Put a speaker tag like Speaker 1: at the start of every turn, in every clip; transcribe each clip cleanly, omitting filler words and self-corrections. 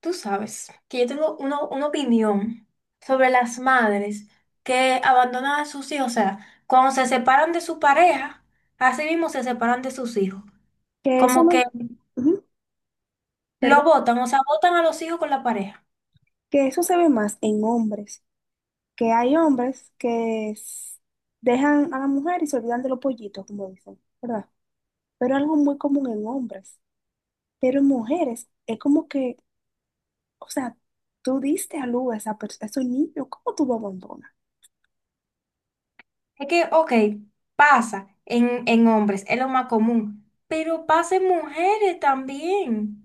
Speaker 1: Tú sabes que yo tengo una opinión sobre las madres que abandonan a sus hijos. O sea, cuando se separan de su pareja, así mismo se separan de sus hijos.
Speaker 2: Que eso
Speaker 1: Como
Speaker 2: no.
Speaker 1: que
Speaker 2: ujú,
Speaker 1: lo
Speaker 2: Perdón,
Speaker 1: botan, o sea, botan a los hijos con la pareja.
Speaker 2: que eso se ve más en hombres, que hay hombres que dejan a la mujer y se olvidan de los pollitos, como dicen, ¿verdad? Pero algo muy común en hombres. Pero en mujeres es como que, o sea, tú diste a luz a, a ese niño, ¿cómo tú lo abandonas?
Speaker 1: Es que, ok, pasa en hombres, es lo más común, pero pasa en mujeres también.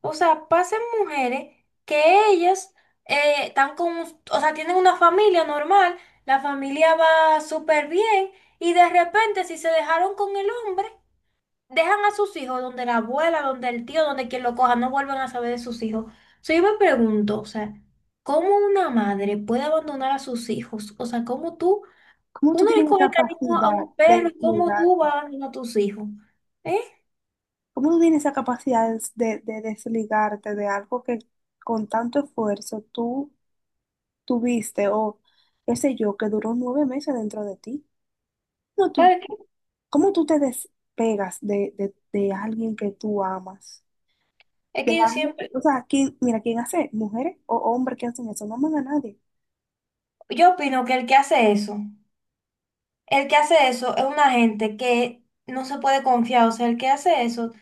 Speaker 1: O sea, pasan mujeres que ellas están con, un- o sea, tienen una familia normal, la familia va súper bien y de repente si se dejaron con el hombre, dejan a sus hijos donde la abuela, donde el tío, donde quien lo coja, no vuelven a saber de sus hijos. So, yo me pregunto, o sea, ¿cómo una madre puede abandonar a sus hijos? O sea, ¿cómo tú,
Speaker 2: ¿Cómo tú
Speaker 1: uno le
Speaker 2: tienes la
Speaker 1: coge cariño a
Speaker 2: capacidad
Speaker 1: un
Speaker 2: de
Speaker 1: perro, ¿cómo tú
Speaker 2: desligarte?
Speaker 1: vas a abandonar a tus hijos? ¿Eh?
Speaker 2: ¿Cómo tú tienes esa capacidad de desligarte de algo que con tanto esfuerzo tú tuviste o qué sé yo, que duró nueve meses dentro de ti. No, tú,
Speaker 1: Claro que-
Speaker 2: ¿Cómo tú te despegas de alguien que tú amas?
Speaker 1: Es
Speaker 2: De
Speaker 1: que yo
Speaker 2: alguien,
Speaker 1: siempre,
Speaker 2: o sea, ¿quién hace? ¿Mujeres o hombres que hacen eso? No aman a nadie.
Speaker 1: yo opino que el que hace eso. El que hace eso es una gente que no se puede confiar. O sea, el que hace eso,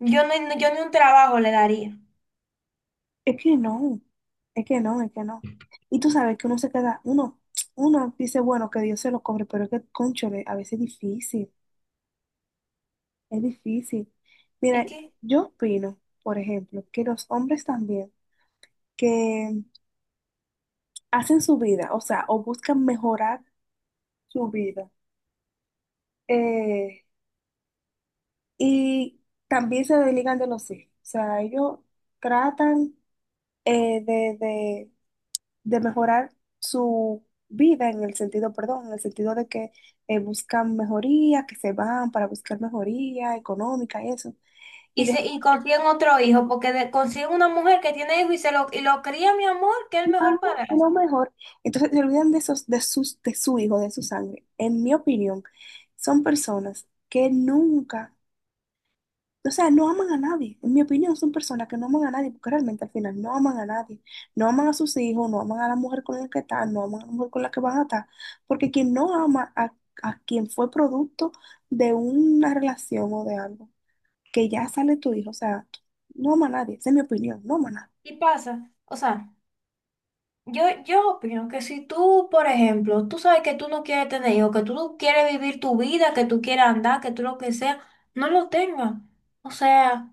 Speaker 1: yo no, yo ni un trabajo le daría.
Speaker 2: Es que no, es que no, es que no. Y tú sabes que uno dice, bueno, que Dios se lo cobre, pero es que, cónchale, a veces es difícil, es difícil.
Speaker 1: ¿Y
Speaker 2: Mira,
Speaker 1: qué?
Speaker 2: yo opino, por ejemplo, que los hombres también, que hacen su vida, o sea, o buscan mejorar su vida. Eh, y también se desligan de los hijos, o sea, ellos tratan eh, de, de- de mejorar su vida en el sentido, perdón, en el sentido de que buscan mejoría, que se van para buscar mejoría económica y eso. Y
Speaker 1: Y, se,
Speaker 2: de
Speaker 1: y consiguen otro hijo, porque de- consiguen una mujer que tiene hijo y se lo, y lo cría, mi amor, que es el
Speaker 2: y van
Speaker 1: mejor
Speaker 2: de lo
Speaker 1: padrastro.
Speaker 2: mejor, entonces se olvidan de esos, de sus, de su hijo, de su sangre. En mi opinión, son personas que nunca O sea, no aman a nadie. En mi opinión, son personas que no aman a nadie, porque realmente al final no aman a nadie. No aman a sus hijos, no aman a la mujer con la que están, no aman a la mujer con la que van a estar. Porque quien no ama a quien fue producto de una relación o de algo, que ya sale tu hijo, o sea, no ama a nadie, esa es mi opinión, no ama a nadie.
Speaker 1: Y pasa. O sea, yo opino que si tú, por ejemplo, tú sabes que tú no quieres tener hijos, que tú no quieres vivir tu vida, que tú quieres andar, que tú lo que sea, no lo tengas. O sea,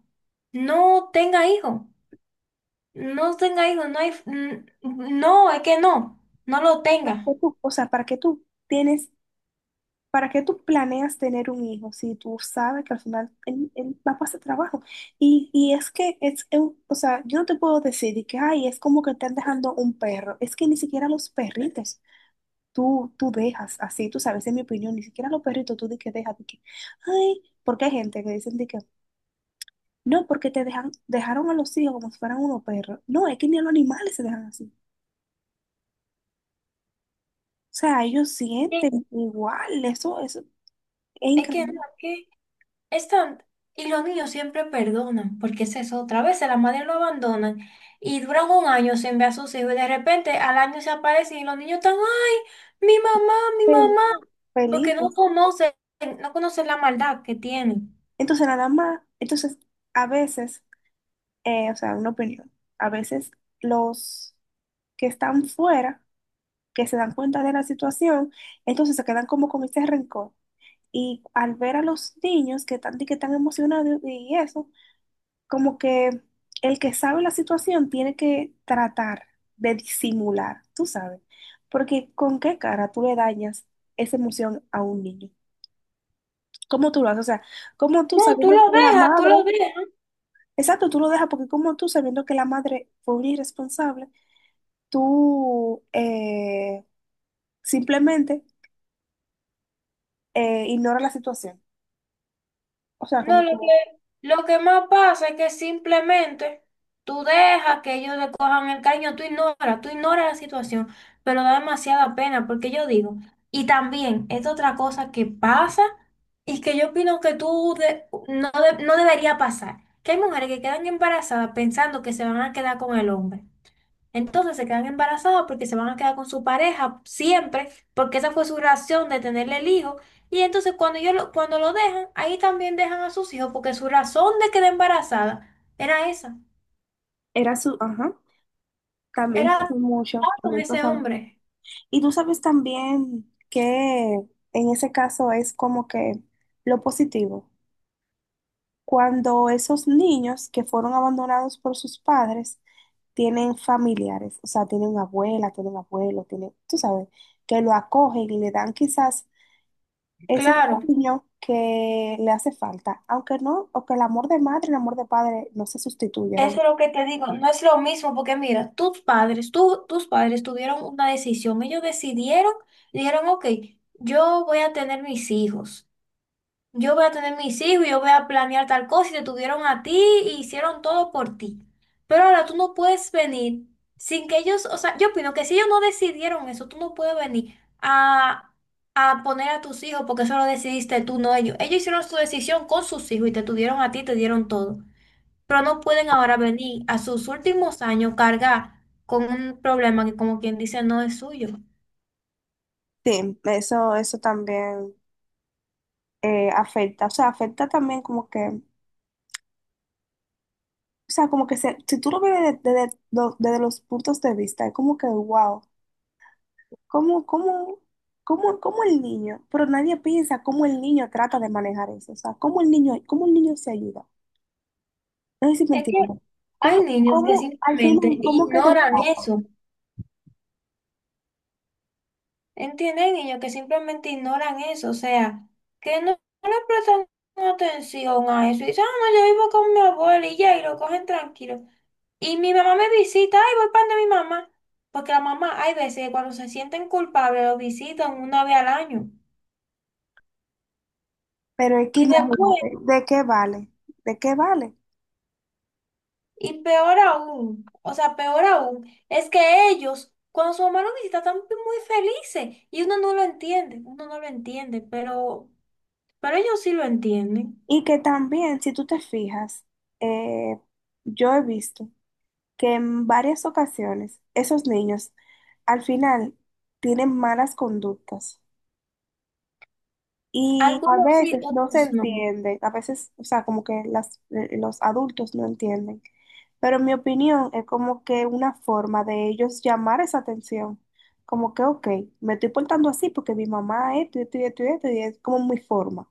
Speaker 1: no tenga hijos. No tenga hijos, no hay, n- no, es que no, no lo tenga.
Speaker 2: O sea, ¿para qué tú tienes ¿Para qué tú planeas tener un hijo si tú sabes que al final él va a pasar trabajo? Y es que, es, un- O sea, yo no te puedo decir de que, ay, es como que están dejando un perro. Es que ni siquiera los perritos tú dejas así, tú sabes, en mi opinión, ni siquiera los perritos tú de que dejas, de que, ay, porque hay gente que dicen de que, no, porque te dejan, dejaron a los hijos como si fueran unos perros. No, es que ni a los animales se dejan así. O sea, ellos
Speaker 1: Sí.
Speaker 2: sienten igual, eso es
Speaker 1: Es que no,
Speaker 2: increíble.
Speaker 1: es que están, y los niños siempre perdonan, porque esa es eso, otra vez las madres lo abandonan y duran un año sin ver a sus hijos y de repente al año se aparecen y los niños están, ay, mi
Speaker 2: Feliz,
Speaker 1: mamá, porque
Speaker 2: feliz.
Speaker 1: no conocen, no conocen la maldad que tienen.
Speaker 2: Entonces, nada más, entonces, A veces, o sea, una opinión, a veces los que están fuera, que se dan cuenta de la situación, entonces se quedan como con ese rencor. Y al ver a los niños que están emocionados y eso, como que el que sabe la situación tiene que tratar de disimular, tú sabes, porque con qué cara tú le dañas esa emoción a un niño. ¿Cómo tú lo haces? O sea, ¿cómo tú
Speaker 1: No, tú
Speaker 2: sabiendo
Speaker 1: lo
Speaker 2: que la
Speaker 1: dejas, tú lo
Speaker 2: madre...
Speaker 1: dejas.
Speaker 2: Exacto, tú lo dejas porque como tú, sabiendo que la madre fue una irresponsable, tú simplemente ignora la situación. O sea,
Speaker 1: No,
Speaker 2: como que
Speaker 1: lo que más pasa es que simplemente tú dejas que ellos le cojan el caño, tú ignoras la situación, pero da demasiada pena porque yo digo, y también es otra cosa que pasa y que yo opino que tú de- no debería pasar, que hay mujeres que quedan embarazadas pensando que se van a quedar con el hombre. Entonces se quedan embarazadas porque se van a quedar con su pareja siempre, porque esa fue su razón de tenerle el hijo. Y entonces cuando yo lo, cuando lo dejan, ahí también dejan a sus hijos, porque su razón de quedar embarazada era esa,
Speaker 2: era su... Ajá, también
Speaker 1: era
Speaker 2: pasa mucho,
Speaker 1: estar con
Speaker 2: también
Speaker 1: ese
Speaker 2: pasa mucho.
Speaker 1: hombre.
Speaker 2: Y tú sabes también que en ese caso es como que lo positivo. Cuando esos niños que fueron abandonados por sus padres tienen familiares, o sea, tienen una abuela, tienen abuelo, tienen, tú sabes, que lo acogen y le dan quizás ese
Speaker 1: Claro,
Speaker 2: cariño que le hace falta, aunque no, o que el amor de madre el amor de padre no se sustituyan.
Speaker 1: eso es lo que te digo, no es lo mismo, porque mira, tus padres, tú, tus padres tuvieron una decisión, ellos decidieron, dijeron, ok, yo voy a tener mis hijos. Yo voy a tener mis hijos, y yo voy a planear tal cosa y te tuvieron a ti y hicieron todo por ti. Pero ahora tú no puedes venir sin que ellos, o sea, yo opino que si ellos no decidieron eso, tú no puedes venir a poner a tus hijos porque eso lo decidiste tú, no ellos. Ellos hicieron su decisión con sus hijos y te tuvieron a ti, te dieron todo. Pero no pueden ahora venir a sus últimos años cargar con un problema que como quien dice no es suyo.
Speaker 2: Sí, eso también afecta, o sea, afecta también como que, o sea, como que si tú lo ves desde desde los puntos de vista, es como que, wow, ¿cómo, cómo, ¿cómo, cómo el niño? Pero nadie piensa cómo el niño trata de manejar eso, o sea, cómo el niño se ayuda. No sé si me
Speaker 1: Es que
Speaker 2: entiendo.
Speaker 1: hay
Speaker 2: ¿Cómo,
Speaker 1: niños que
Speaker 2: cómo, al fin,
Speaker 1: simplemente
Speaker 2: cómo que te
Speaker 1: ignoran eso. ¿Entienden? Hay niños que simplemente ignoran eso, o sea, que no, no le prestan atención a eso. Y dicen, ah, no, yo vivo con mi abuela y ya, y lo cogen tranquilo. Y mi mamá me visita, ay, voy para mi mamá. Porque la mamá, hay veces que cuando se sienten culpables, lo visitan una vez al año.
Speaker 2: Pero es que
Speaker 1: Y después,
Speaker 2: imagínate, ¿de qué vale? ¿De qué vale?
Speaker 1: y peor aún, o sea, peor aún, es que ellos, cuando su mamá lo visita, están muy felices. Y uno no lo entiende, uno no lo entiende, pero ellos sí lo entienden.
Speaker 2: Y que también, si tú te fijas, eh, yo he visto que en varias ocasiones esos niños al final tienen malas conductas y a
Speaker 1: Algunos sí,
Speaker 2: veces no se
Speaker 1: otros no.
Speaker 2: entienden, a veces, o sea, como que los adultos no entienden. Pero en mi opinión es como que una forma de ellos llamar esa atención. Como que, ok, me estoy portando así porque mi mamá esto y esto y esto y esto, y es como mi forma.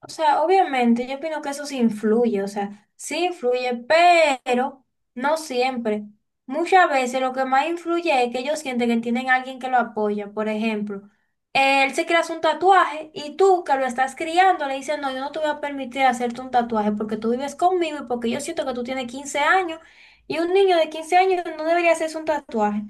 Speaker 1: O sea, obviamente, yo opino que eso sí influye, o sea, sí influye, pero no siempre. Muchas veces lo que más influye es que ellos sienten que tienen alguien que lo apoya. Por ejemplo, él se quiere hacer un tatuaje y tú que lo estás criando le dices, no, yo no te voy a permitir hacerte un tatuaje porque tú vives conmigo y porque yo siento que tú tienes 15 años y un niño de 15 años no debería hacerse un tatuaje.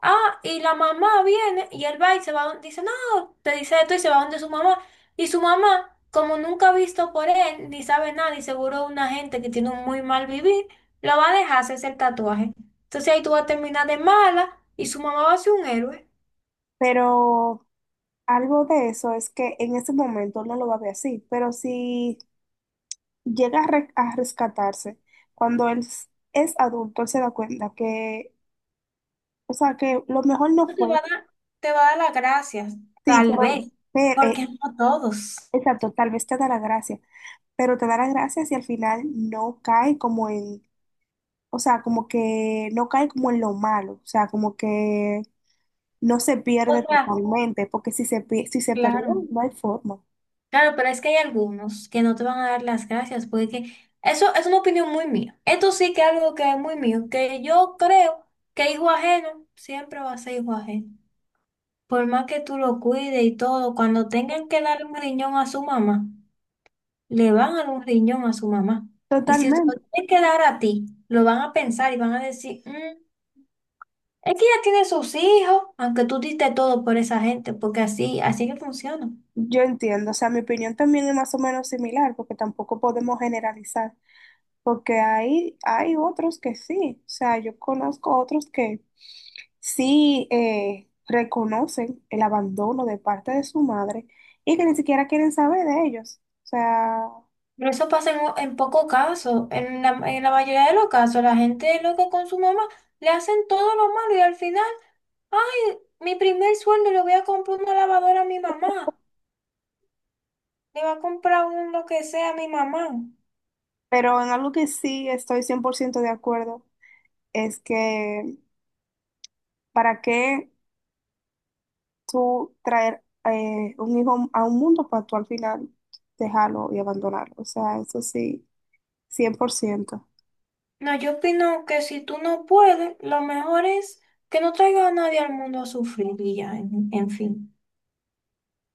Speaker 1: Ah, y la mamá viene y él va y se va, don- dice, no, te dice esto y se va donde su mamá. Y su mamá, como nunca ha visto por él, ni sabe nada, y seguro una gente que tiene un muy mal vivir, lo va a dejar hacerse el tatuaje. Entonces ahí tú vas a terminar de mala y su mamá va a ser un héroe.
Speaker 2: Pero algo de eso es que en ese momento no lo va a ver así, pero si a rescatarse, cuando es adulto, él se da cuenta que, o sea, que lo mejor no
Speaker 1: No te
Speaker 2: fue,
Speaker 1: va a dar, te va a dar las gracias,
Speaker 2: sí,
Speaker 1: tal
Speaker 2: pero,
Speaker 1: vez,
Speaker 2: pero, eh,
Speaker 1: porque no todos.
Speaker 2: exacto, tal vez te da la gracia, pero te da la gracia si al final no cae como en, o sea, como que no cae como en lo malo, o sea, como que no se
Speaker 1: O
Speaker 2: pierde
Speaker 1: sea,
Speaker 2: totalmente, porque si se perdió,
Speaker 1: claro.
Speaker 2: no hay forma.
Speaker 1: Claro, pero es que hay algunos que no te van a dar las gracias, porque eso es una opinión muy mía. Esto sí que es algo que es muy mío, que yo creo que hijo ajeno siempre va a ser hijo ajeno. Por más que tú lo cuides y todo, cuando tengan que darle un riñón a su mamá, le van a dar un riñón a su mamá. Y si te lo
Speaker 2: Totalmente.
Speaker 1: tienen que dar a ti, lo van a pensar y van a decir, "Mm, es que ya tiene sus hijos, aunque tú diste todo por esa gente, porque así, así que funciona.
Speaker 2: Yo entiendo, o sea, mi opinión también es más o menos similar, porque tampoco podemos generalizar, porque hay otros que sí, o sea, yo conozco otros que sí reconocen el abandono de parte de su madre y que ni siquiera quieren saber de ellos, o sea,
Speaker 1: Pero eso pasa en poco caso. En la mayoría de los casos, la gente loca con su mamá le hacen todo lo malo y al final, ay, mi primer sueldo le voy a comprar una lavadora a mi mamá. Le va a comprar un lo que sea a mi mamá.
Speaker 2: pero en algo que sí estoy 100% de acuerdo es que ¿para qué tú traer un hijo a un mundo para tú al final dejarlo y abandonarlo? O sea, eso sí. 100%.
Speaker 1: No, yo opino que si tú no puedes, lo mejor es que no traiga a nadie al mundo a sufrir y ya, en fin.